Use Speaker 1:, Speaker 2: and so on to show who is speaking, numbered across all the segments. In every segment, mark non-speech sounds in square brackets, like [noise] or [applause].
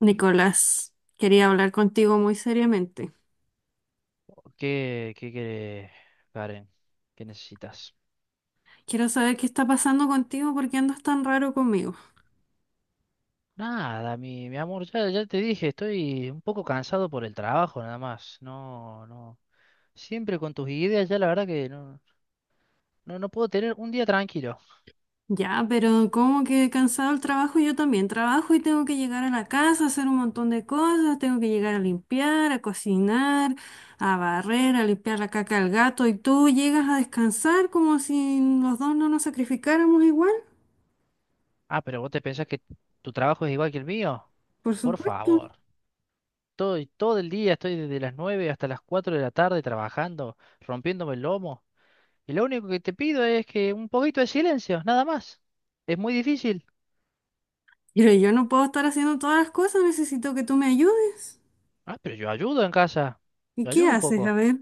Speaker 1: Nicolás, quería hablar contigo muy seriamente.
Speaker 2: ¿Qué querés, Karen? ¿Qué necesitas?
Speaker 1: Quiero saber qué está pasando contigo, por qué andas tan raro conmigo.
Speaker 2: Nada, mi amor, ya te dije, estoy un poco cansado por el trabajo, nada más. No, no. Siempre con tus ideas, ya la verdad que no puedo tener un día tranquilo.
Speaker 1: Ya, pero como que cansado el trabajo, yo también trabajo y tengo que llegar a la casa, hacer un montón de cosas, tengo que llegar a limpiar, a cocinar, a barrer, a limpiar la caca al gato y tú llegas a descansar como si los dos no nos sacrificáramos igual,
Speaker 2: Ah, pero vos te pensás que tu trabajo es igual que el mío.
Speaker 1: por
Speaker 2: Por
Speaker 1: supuesto.
Speaker 2: favor. Todo el día estoy desde las 9 hasta las 4 de la tarde trabajando, rompiéndome el lomo. Y lo único que te pido es que un poquito de silencio, nada más. Es muy difícil.
Speaker 1: Pero yo no puedo estar haciendo todas las cosas, necesito que tú me ayudes.
Speaker 2: Ah, pero yo ayudo en casa.
Speaker 1: ¿Y
Speaker 2: Yo
Speaker 1: qué
Speaker 2: ayudo un
Speaker 1: haces? A
Speaker 2: poco.
Speaker 1: ver.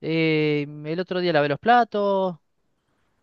Speaker 2: El otro día lavé los platos.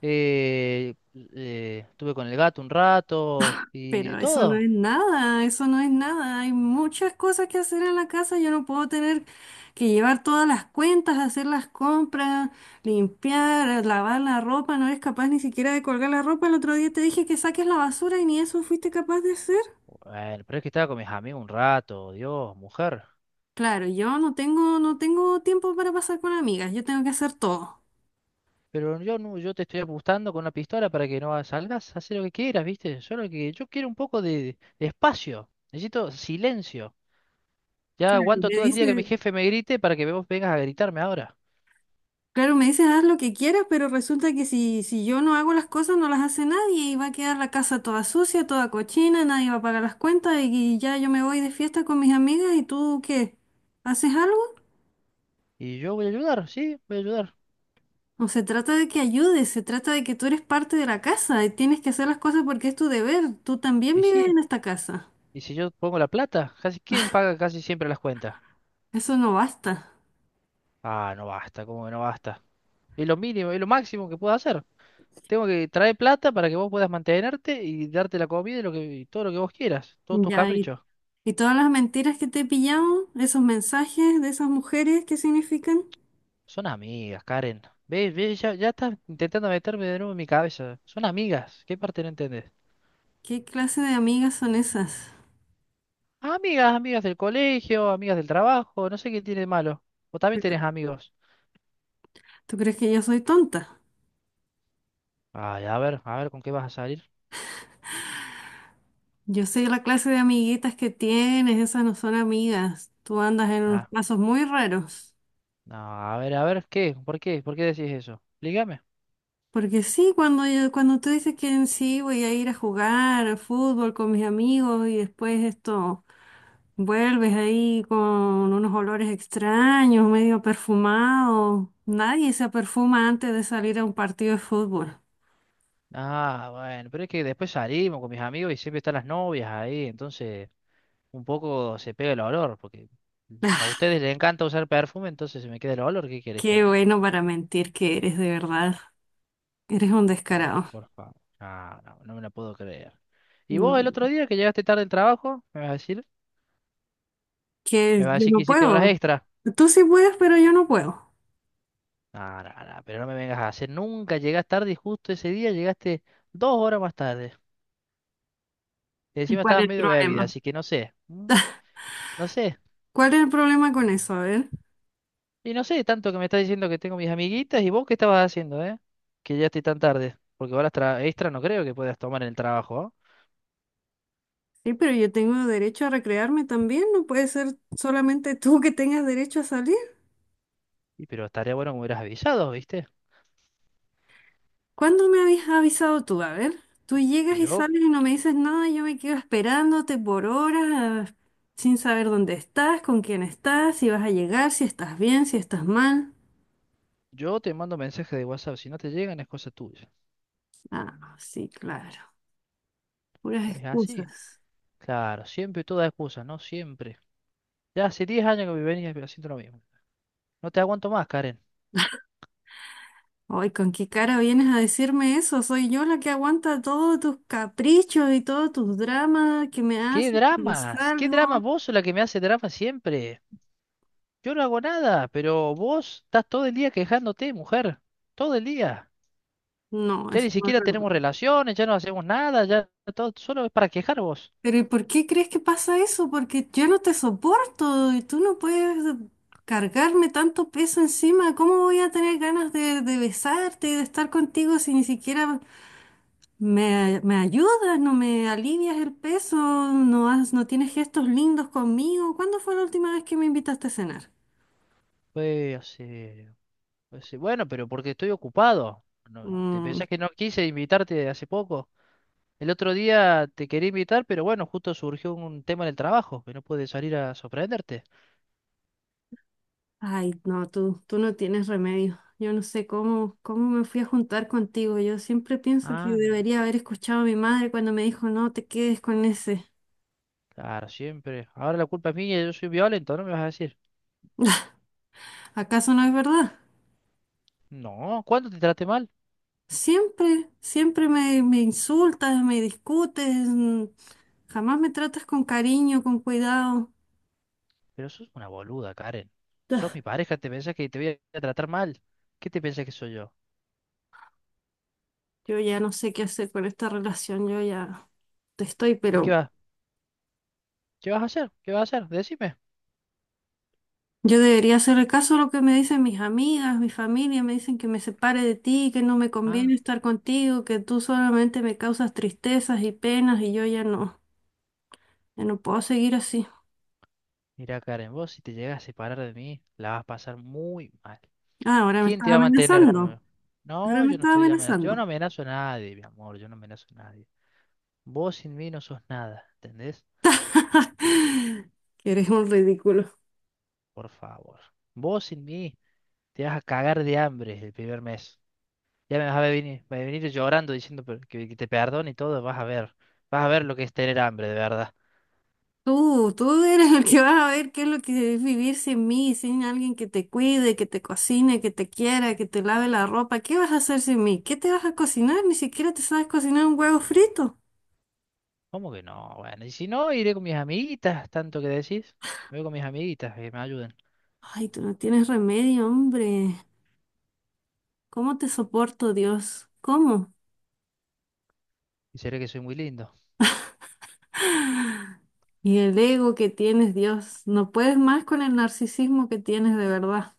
Speaker 2: eh, Estuve con el gato un rato. Y
Speaker 1: Pero eso no
Speaker 2: todo.
Speaker 1: es nada, eso no es nada. Hay muchas cosas que hacer en la casa. Yo no puedo tener que llevar todas las cuentas, hacer las compras, limpiar, lavar la ropa. No eres capaz ni siquiera de colgar la ropa. El otro día te dije que saques la basura y ni eso fuiste capaz de hacer.
Speaker 2: Bueno, pero es que estaba con mis amigos un rato. Dios, mujer.
Speaker 1: Claro, yo no tengo tiempo para pasar con amigas. Yo tengo que hacer todo.
Speaker 2: Pero yo no, yo te estoy apuntando con una pistola para que no salgas a hacer lo que quieras, ¿viste? Solo que yo quiero un poco de espacio. Necesito silencio. Ya
Speaker 1: Claro,
Speaker 2: aguanto
Speaker 1: me
Speaker 2: todo el día que mi
Speaker 1: dice.
Speaker 2: jefe me grite para que vos vengas a gritarme ahora.
Speaker 1: Claro, me dices haz lo que quieras, pero resulta que si yo no hago las cosas, no las hace nadie y va a quedar la casa toda sucia, toda cochina, nadie va a pagar las cuentas y ya yo me voy de fiesta con mis amigas y tú, ¿qué? ¿Haces algo?
Speaker 2: Y yo voy a ayudar, sí, voy a ayudar.
Speaker 1: No se trata de que ayudes, se trata de que tú eres parte de la casa y tienes que hacer las cosas porque es tu deber. Tú también
Speaker 2: Y
Speaker 1: vives
Speaker 2: sí.
Speaker 1: en esta casa.
Speaker 2: Y si yo pongo la plata, casi, ¿quién paga casi siempre las cuentas?
Speaker 1: Eso no basta.
Speaker 2: Ah, no basta, ¿cómo que no basta? Es lo mínimo, es lo máximo que puedo hacer. Tengo que traer plata para que vos puedas mantenerte y darte la comida y, lo que, y todo lo que vos quieras, todos tus
Speaker 1: Ya, y,
Speaker 2: caprichos.
Speaker 1: y todas las mentiras que te he pillado, esos mensajes de esas mujeres, ¿qué significan?
Speaker 2: Son amigas, Karen. ¿Ves? Ya estás intentando meterme de nuevo en mi cabeza. Son amigas. ¿Qué parte no entendés?
Speaker 1: ¿Qué clase de amigas son esas?
Speaker 2: Amigas, amigas del colegio, amigas del trabajo, no sé qué tiene de malo. Vos también tenés amigos.
Speaker 1: ¿Tú crees que yo soy tonta?
Speaker 2: Ay, a ver, ¿con qué vas a salir?
Speaker 1: Yo sé la clase de amiguitas que tienes, esas no son amigas. Tú andas en unos
Speaker 2: Ah,
Speaker 1: pasos muy raros.
Speaker 2: no, a ver, ¿qué? ¿Por qué decís eso? Explícame.
Speaker 1: Porque sí, cuando tú dices que en sí voy a ir a jugar al fútbol con mis amigos y después esto vuelves ahí con unos olores extraños, medio perfumado. Nadie se perfuma antes de salir a un partido de fútbol.
Speaker 2: Ah, bueno, pero es que después salimos con mis amigos y siempre están las novias ahí, entonces un poco se pega el olor, porque a
Speaker 1: Ah,
Speaker 2: ustedes les encanta usar perfume, entonces se me queda el olor, ¿qué querés que
Speaker 1: Qué
Speaker 2: haga?
Speaker 1: bueno para mentir que eres, de verdad. Eres un
Speaker 2: Oh,
Speaker 1: descarado.
Speaker 2: por favor. Ah, no, no me la puedo creer. ¿Y vos
Speaker 1: No,
Speaker 2: el otro día que llegaste tarde del trabajo, me vas a decir? ¿Me
Speaker 1: que
Speaker 2: vas a
Speaker 1: yo
Speaker 2: decir que
Speaker 1: no
Speaker 2: hiciste horas
Speaker 1: puedo.
Speaker 2: extra?
Speaker 1: Tú sí puedes, pero yo no puedo.
Speaker 2: No, pero no me vengas a hacer, nunca llegás tarde y justo ese día llegaste 2 horas más tarde. Y
Speaker 1: ¿Y
Speaker 2: encima
Speaker 1: cuál
Speaker 2: estabas
Speaker 1: es el
Speaker 2: medio bebida,
Speaker 1: problema?
Speaker 2: así que no sé, no sé.
Speaker 1: ¿Cuál es el problema con eso? A ver.
Speaker 2: Y no sé, tanto que me estás diciendo que tengo mis amiguitas y vos qué estabas haciendo, ¿eh? Que ya estoy tan tarde. Porque horas extra no creo que puedas tomar en el trabajo, ¿ah?
Speaker 1: Sí, pero yo tengo derecho a recrearme también. No puede ser solamente tú que tengas derecho a salir.
Speaker 2: Y pero estaría bueno que me hubieras avisado, ¿viste?
Speaker 1: ¿Cuándo me habías avisado tú? A ver. Tú llegas y
Speaker 2: Yo,
Speaker 1: sales y no me dices nada. Yo me quedo esperándote por horas, sin saber dónde estás, con quién estás, si vas a llegar, si estás bien, si estás mal.
Speaker 2: yo te mando mensajes de WhatsApp, si no te llegan es cosa tuya.
Speaker 1: Ah, sí, claro. Puras
Speaker 2: Es así.
Speaker 1: excusas.
Speaker 2: Claro, siempre toda excusa, ¿no? Siempre. Ya hace 10 años que me venís haciendo lo mismo. No te aguanto más, Karen.
Speaker 1: Ay, ¿con qué cara vienes a decirme eso? Soy yo la que aguanta todos tus caprichos y todos tus dramas que me haces cuando
Speaker 2: ¿Qué dramas?
Speaker 1: salgo.
Speaker 2: Vos sos la que me hace drama siempre. Yo no hago nada, pero vos estás todo el día quejándote, mujer. Todo el día.
Speaker 1: No,
Speaker 2: Ya
Speaker 1: eso
Speaker 2: ni
Speaker 1: no es
Speaker 2: siquiera
Speaker 1: verdad.
Speaker 2: tenemos relaciones, ya no hacemos nada, ya todo solo es para quejar vos.
Speaker 1: Pero ¿y por qué crees que pasa eso? Porque yo no te soporto y tú no puedes cargarme tanto peso encima. ¿Cómo voy a tener ganas de besarte y de estar contigo si ni siquiera me ayudas, no me alivias el peso, no tienes gestos lindos conmigo? ¿Cuándo fue la última vez que me invitaste a cenar?
Speaker 2: Pues, bueno, pero porque estoy ocupado. No, ¿te
Speaker 1: Mm,
Speaker 2: pensás que no quise invitarte hace poco? El otro día te quería invitar, pero bueno, justo surgió un tema en el trabajo, que no pude salir a sorprenderte.
Speaker 1: Ay, no, tú no tienes remedio. Yo no sé cómo me fui a juntar contigo. Yo siempre pienso que
Speaker 2: Ah, mira,
Speaker 1: debería haber escuchado a mi madre cuando me dijo, no te quedes con ese.
Speaker 2: claro, siempre. Ahora la culpa es mía, yo soy violento, ¿no me vas a decir?
Speaker 1: ¿Acaso no es verdad?
Speaker 2: No, ¿cuándo te traté mal?
Speaker 1: Siempre, me insultas, me discutes, jamás me tratas con cariño, con cuidado.
Speaker 2: Pero sos una boluda, Karen. Sos
Speaker 1: Ah,
Speaker 2: mi pareja, ¿te pensás que te voy a tratar mal? ¿Qué te pensás que soy yo?
Speaker 1: yo ya no sé qué hacer con esta relación, yo ya te estoy,
Speaker 2: ¿Y
Speaker 1: pero
Speaker 2: qué vas a ¿Qué vas a hacer? Decime.
Speaker 1: yo debería hacerle caso a lo que me dicen mis amigas, mi familia, me dicen que me separe de ti, que no me
Speaker 2: Ah,
Speaker 1: conviene estar contigo, que tú solamente me causas tristezas y penas y yo ya no, ya no puedo seguir así.
Speaker 2: mira, Karen, vos si te llegas a separar de mí, la vas a pasar muy mal.
Speaker 1: Ah, ahora me
Speaker 2: ¿Quién
Speaker 1: estás
Speaker 2: te va a mantener como
Speaker 1: amenazando,
Speaker 2: yo?
Speaker 1: ahora
Speaker 2: No,
Speaker 1: me
Speaker 2: yo no
Speaker 1: estás
Speaker 2: estoy amenazando. Yo no
Speaker 1: amenazando.
Speaker 2: amenazo a nadie, mi amor. Yo no amenazo a nadie. Vos sin mí no sos nada, ¿entendés?
Speaker 1: [laughs] Que eres un ridículo.
Speaker 2: Por favor. Vos sin mí te vas a cagar de hambre el 1.er mes. Ya me vas a venir llorando diciendo que te perdone y todo. Vas a ver. Vas a ver lo que es tener hambre, de verdad.
Speaker 1: Tú eres el que vas a ver qué es lo que es vivir sin mí, sin alguien que te cuide, que te cocine, que te quiera, que te lave la ropa. ¿Qué vas a hacer sin mí? ¿Qué te vas a cocinar? Ni siquiera te sabes cocinar un huevo frito.
Speaker 2: ¿Cómo que no? Bueno, y si no, iré con mis amiguitas, tanto que decís. Me voy con mis amiguitas que me ayuden.
Speaker 1: Ay, tú no tienes remedio, hombre. ¿Cómo te soporto, Dios? ¿Cómo?
Speaker 2: ¿Y será que soy muy lindo?
Speaker 1: Y el ego que tienes, Dios. No puedes más con el narcisismo que tienes de verdad.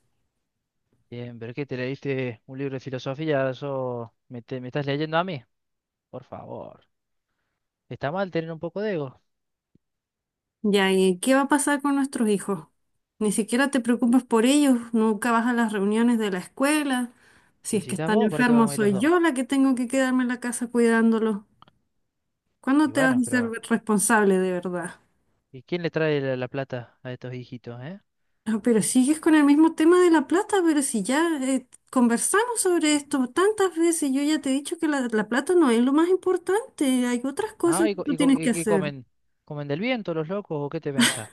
Speaker 2: Bien, pero ¿qué te leíste un libro de filosofía? ¿Eso me estás leyendo a mí? Por favor. Está mal tener un poco de ego.
Speaker 1: Ya, ¿y qué va a pasar con nuestros hijos? Ni siquiera te preocupas por ellos, nunca vas a las reuniones de la escuela. Si
Speaker 2: Y
Speaker 1: es
Speaker 2: si
Speaker 1: que
Speaker 2: estás
Speaker 1: están
Speaker 2: vos, ¿para qué
Speaker 1: enfermos,
Speaker 2: vamos a ir los
Speaker 1: soy
Speaker 2: dos?
Speaker 1: yo la que tengo que quedarme en la casa cuidándolos. ¿Cuándo
Speaker 2: Y
Speaker 1: te vas
Speaker 2: bueno,
Speaker 1: a ser
Speaker 2: pero
Speaker 1: responsable de verdad?
Speaker 2: ¿y quién le trae la plata a estos hijitos, eh?
Speaker 1: Ah, pero sigues con el mismo tema de la plata, pero si ya conversamos sobre esto tantas veces, yo ya te he dicho que la plata no es lo más importante, hay otras
Speaker 2: Ah,
Speaker 1: cosas que tú tienes que
Speaker 2: ¿y qué
Speaker 1: hacer.
Speaker 2: comen? ¿Comen del viento los locos o qué te pensás?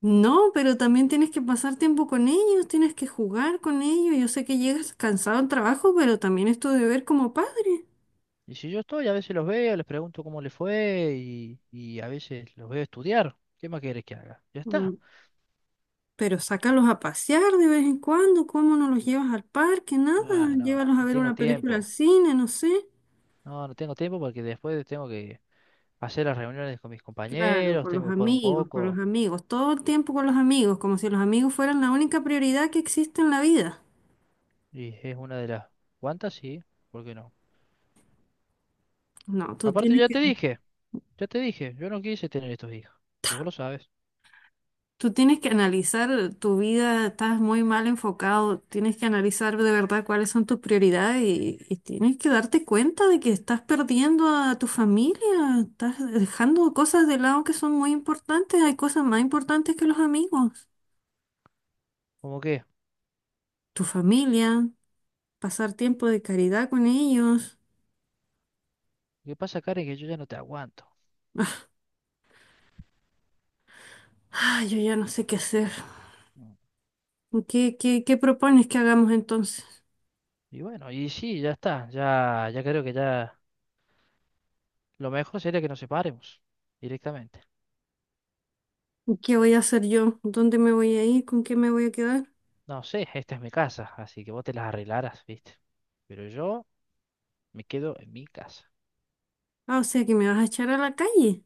Speaker 1: No, pero también tienes que pasar tiempo con ellos, tienes que jugar con ellos. Yo sé que llegas cansado al trabajo, pero también es tu deber como padre.
Speaker 2: Y si yo estoy, a veces los veo, les pregunto cómo les fue y a veces los veo estudiar. ¿Qué más querés que haga? Ya está.
Speaker 1: Mm, Pero sácalos a pasear de vez en cuando, ¿cómo no los llevas al parque? Nada,
Speaker 2: Ah, no,
Speaker 1: llévalos a
Speaker 2: no
Speaker 1: ver
Speaker 2: tengo
Speaker 1: una película al
Speaker 2: tiempo.
Speaker 1: cine, no sé.
Speaker 2: No, no tengo tiempo porque después tengo que hacer las reuniones con mis
Speaker 1: Claro,
Speaker 2: compañeros, tengo que jugar un
Speaker 1: con los
Speaker 2: poco.
Speaker 1: amigos, todo el tiempo con los amigos, como si los amigos fueran la única prioridad que existe en la vida.
Speaker 2: Y es una de las cuantas, sí, ¿por qué no?
Speaker 1: No,
Speaker 2: Aparte, ya te dije, yo no quise tener estos hijos. Y vos lo sabes.
Speaker 1: tú tienes que analizar tu vida, estás muy mal enfocado, tienes que analizar de verdad cuáles son tus prioridades y tienes que darte cuenta de que estás perdiendo a tu familia, estás dejando cosas de lado que son muy importantes, hay cosas más importantes que los amigos,
Speaker 2: ¿Cómo qué?
Speaker 1: tu familia, pasar tiempo de caridad con ellos.
Speaker 2: ¿Qué pasa, Karen? Que yo ya no te aguanto.
Speaker 1: Ay, yo ya no sé qué hacer.
Speaker 2: Mm.
Speaker 1: Qué propones que hagamos entonces?
Speaker 2: Y bueno, y sí, ya está. Ya creo que ya lo mejor sería que nos separemos directamente.
Speaker 1: ¿Qué voy a hacer yo? ¿Dónde me voy a ir? ¿Con qué me voy a quedar?
Speaker 2: No sé, esta es mi casa, así que vos te las arreglarás, ¿viste? Pero yo me quedo en mi casa.
Speaker 1: Ah, o sea que me vas a echar a la calle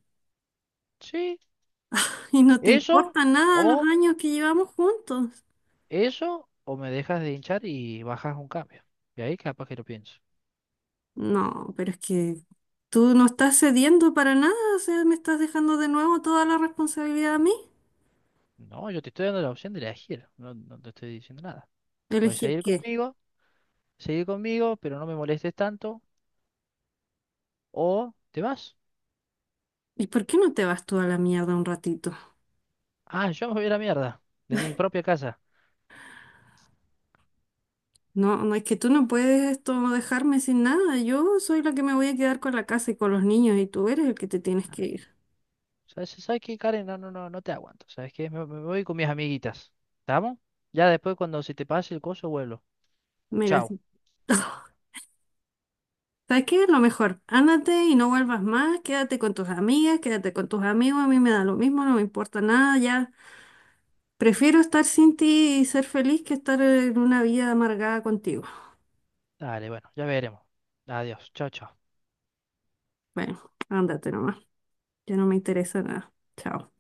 Speaker 2: Sí,
Speaker 1: [laughs] y no te
Speaker 2: eso
Speaker 1: importa nada los
Speaker 2: o
Speaker 1: años que llevamos juntos.
Speaker 2: ¿Eso o me dejas de hinchar y bajas un cambio? Y ahí capaz que lo pienso.
Speaker 1: No, pero es que tú no estás cediendo para nada, o sea, me estás dejando de nuevo toda la responsabilidad a mí.
Speaker 2: No, yo te estoy dando la opción de elegir, no, no te estoy diciendo nada. Puedes
Speaker 1: ¿Elegir
Speaker 2: seguir
Speaker 1: qué?
Speaker 2: conmigo, seguir conmigo, pero no me molestes tanto, o te vas.
Speaker 1: ¿Y por qué no te vas tú a la mierda un ratito?
Speaker 2: Ah, yo me voy a la mierda, de mi propia casa.
Speaker 1: No, no, es que tú no puedes esto dejarme sin nada. Yo soy la que me voy a quedar con la casa y con los niños y tú eres el que te tienes que ir.
Speaker 2: ¿Sabes qué, Karen? No te aguanto. ¿Sabes qué? Me voy con mis amiguitas. ¿Estamos? Ya después, cuando se te pase el coso, vuelvo.
Speaker 1: Mira,
Speaker 2: Chao.
Speaker 1: sí. [laughs] ¿Sabes qué? Lo mejor, ándate y no vuelvas más, quédate con tus amigas, quédate con tus amigos, a mí me da lo mismo, no me importa nada, ya. Prefiero estar sin ti y ser feliz que estar en una vida amargada contigo.
Speaker 2: Dale, bueno, ya veremos. Adiós. Chao, chao.
Speaker 1: Bueno, ándate nomás, ya no me interesa nada. Chao.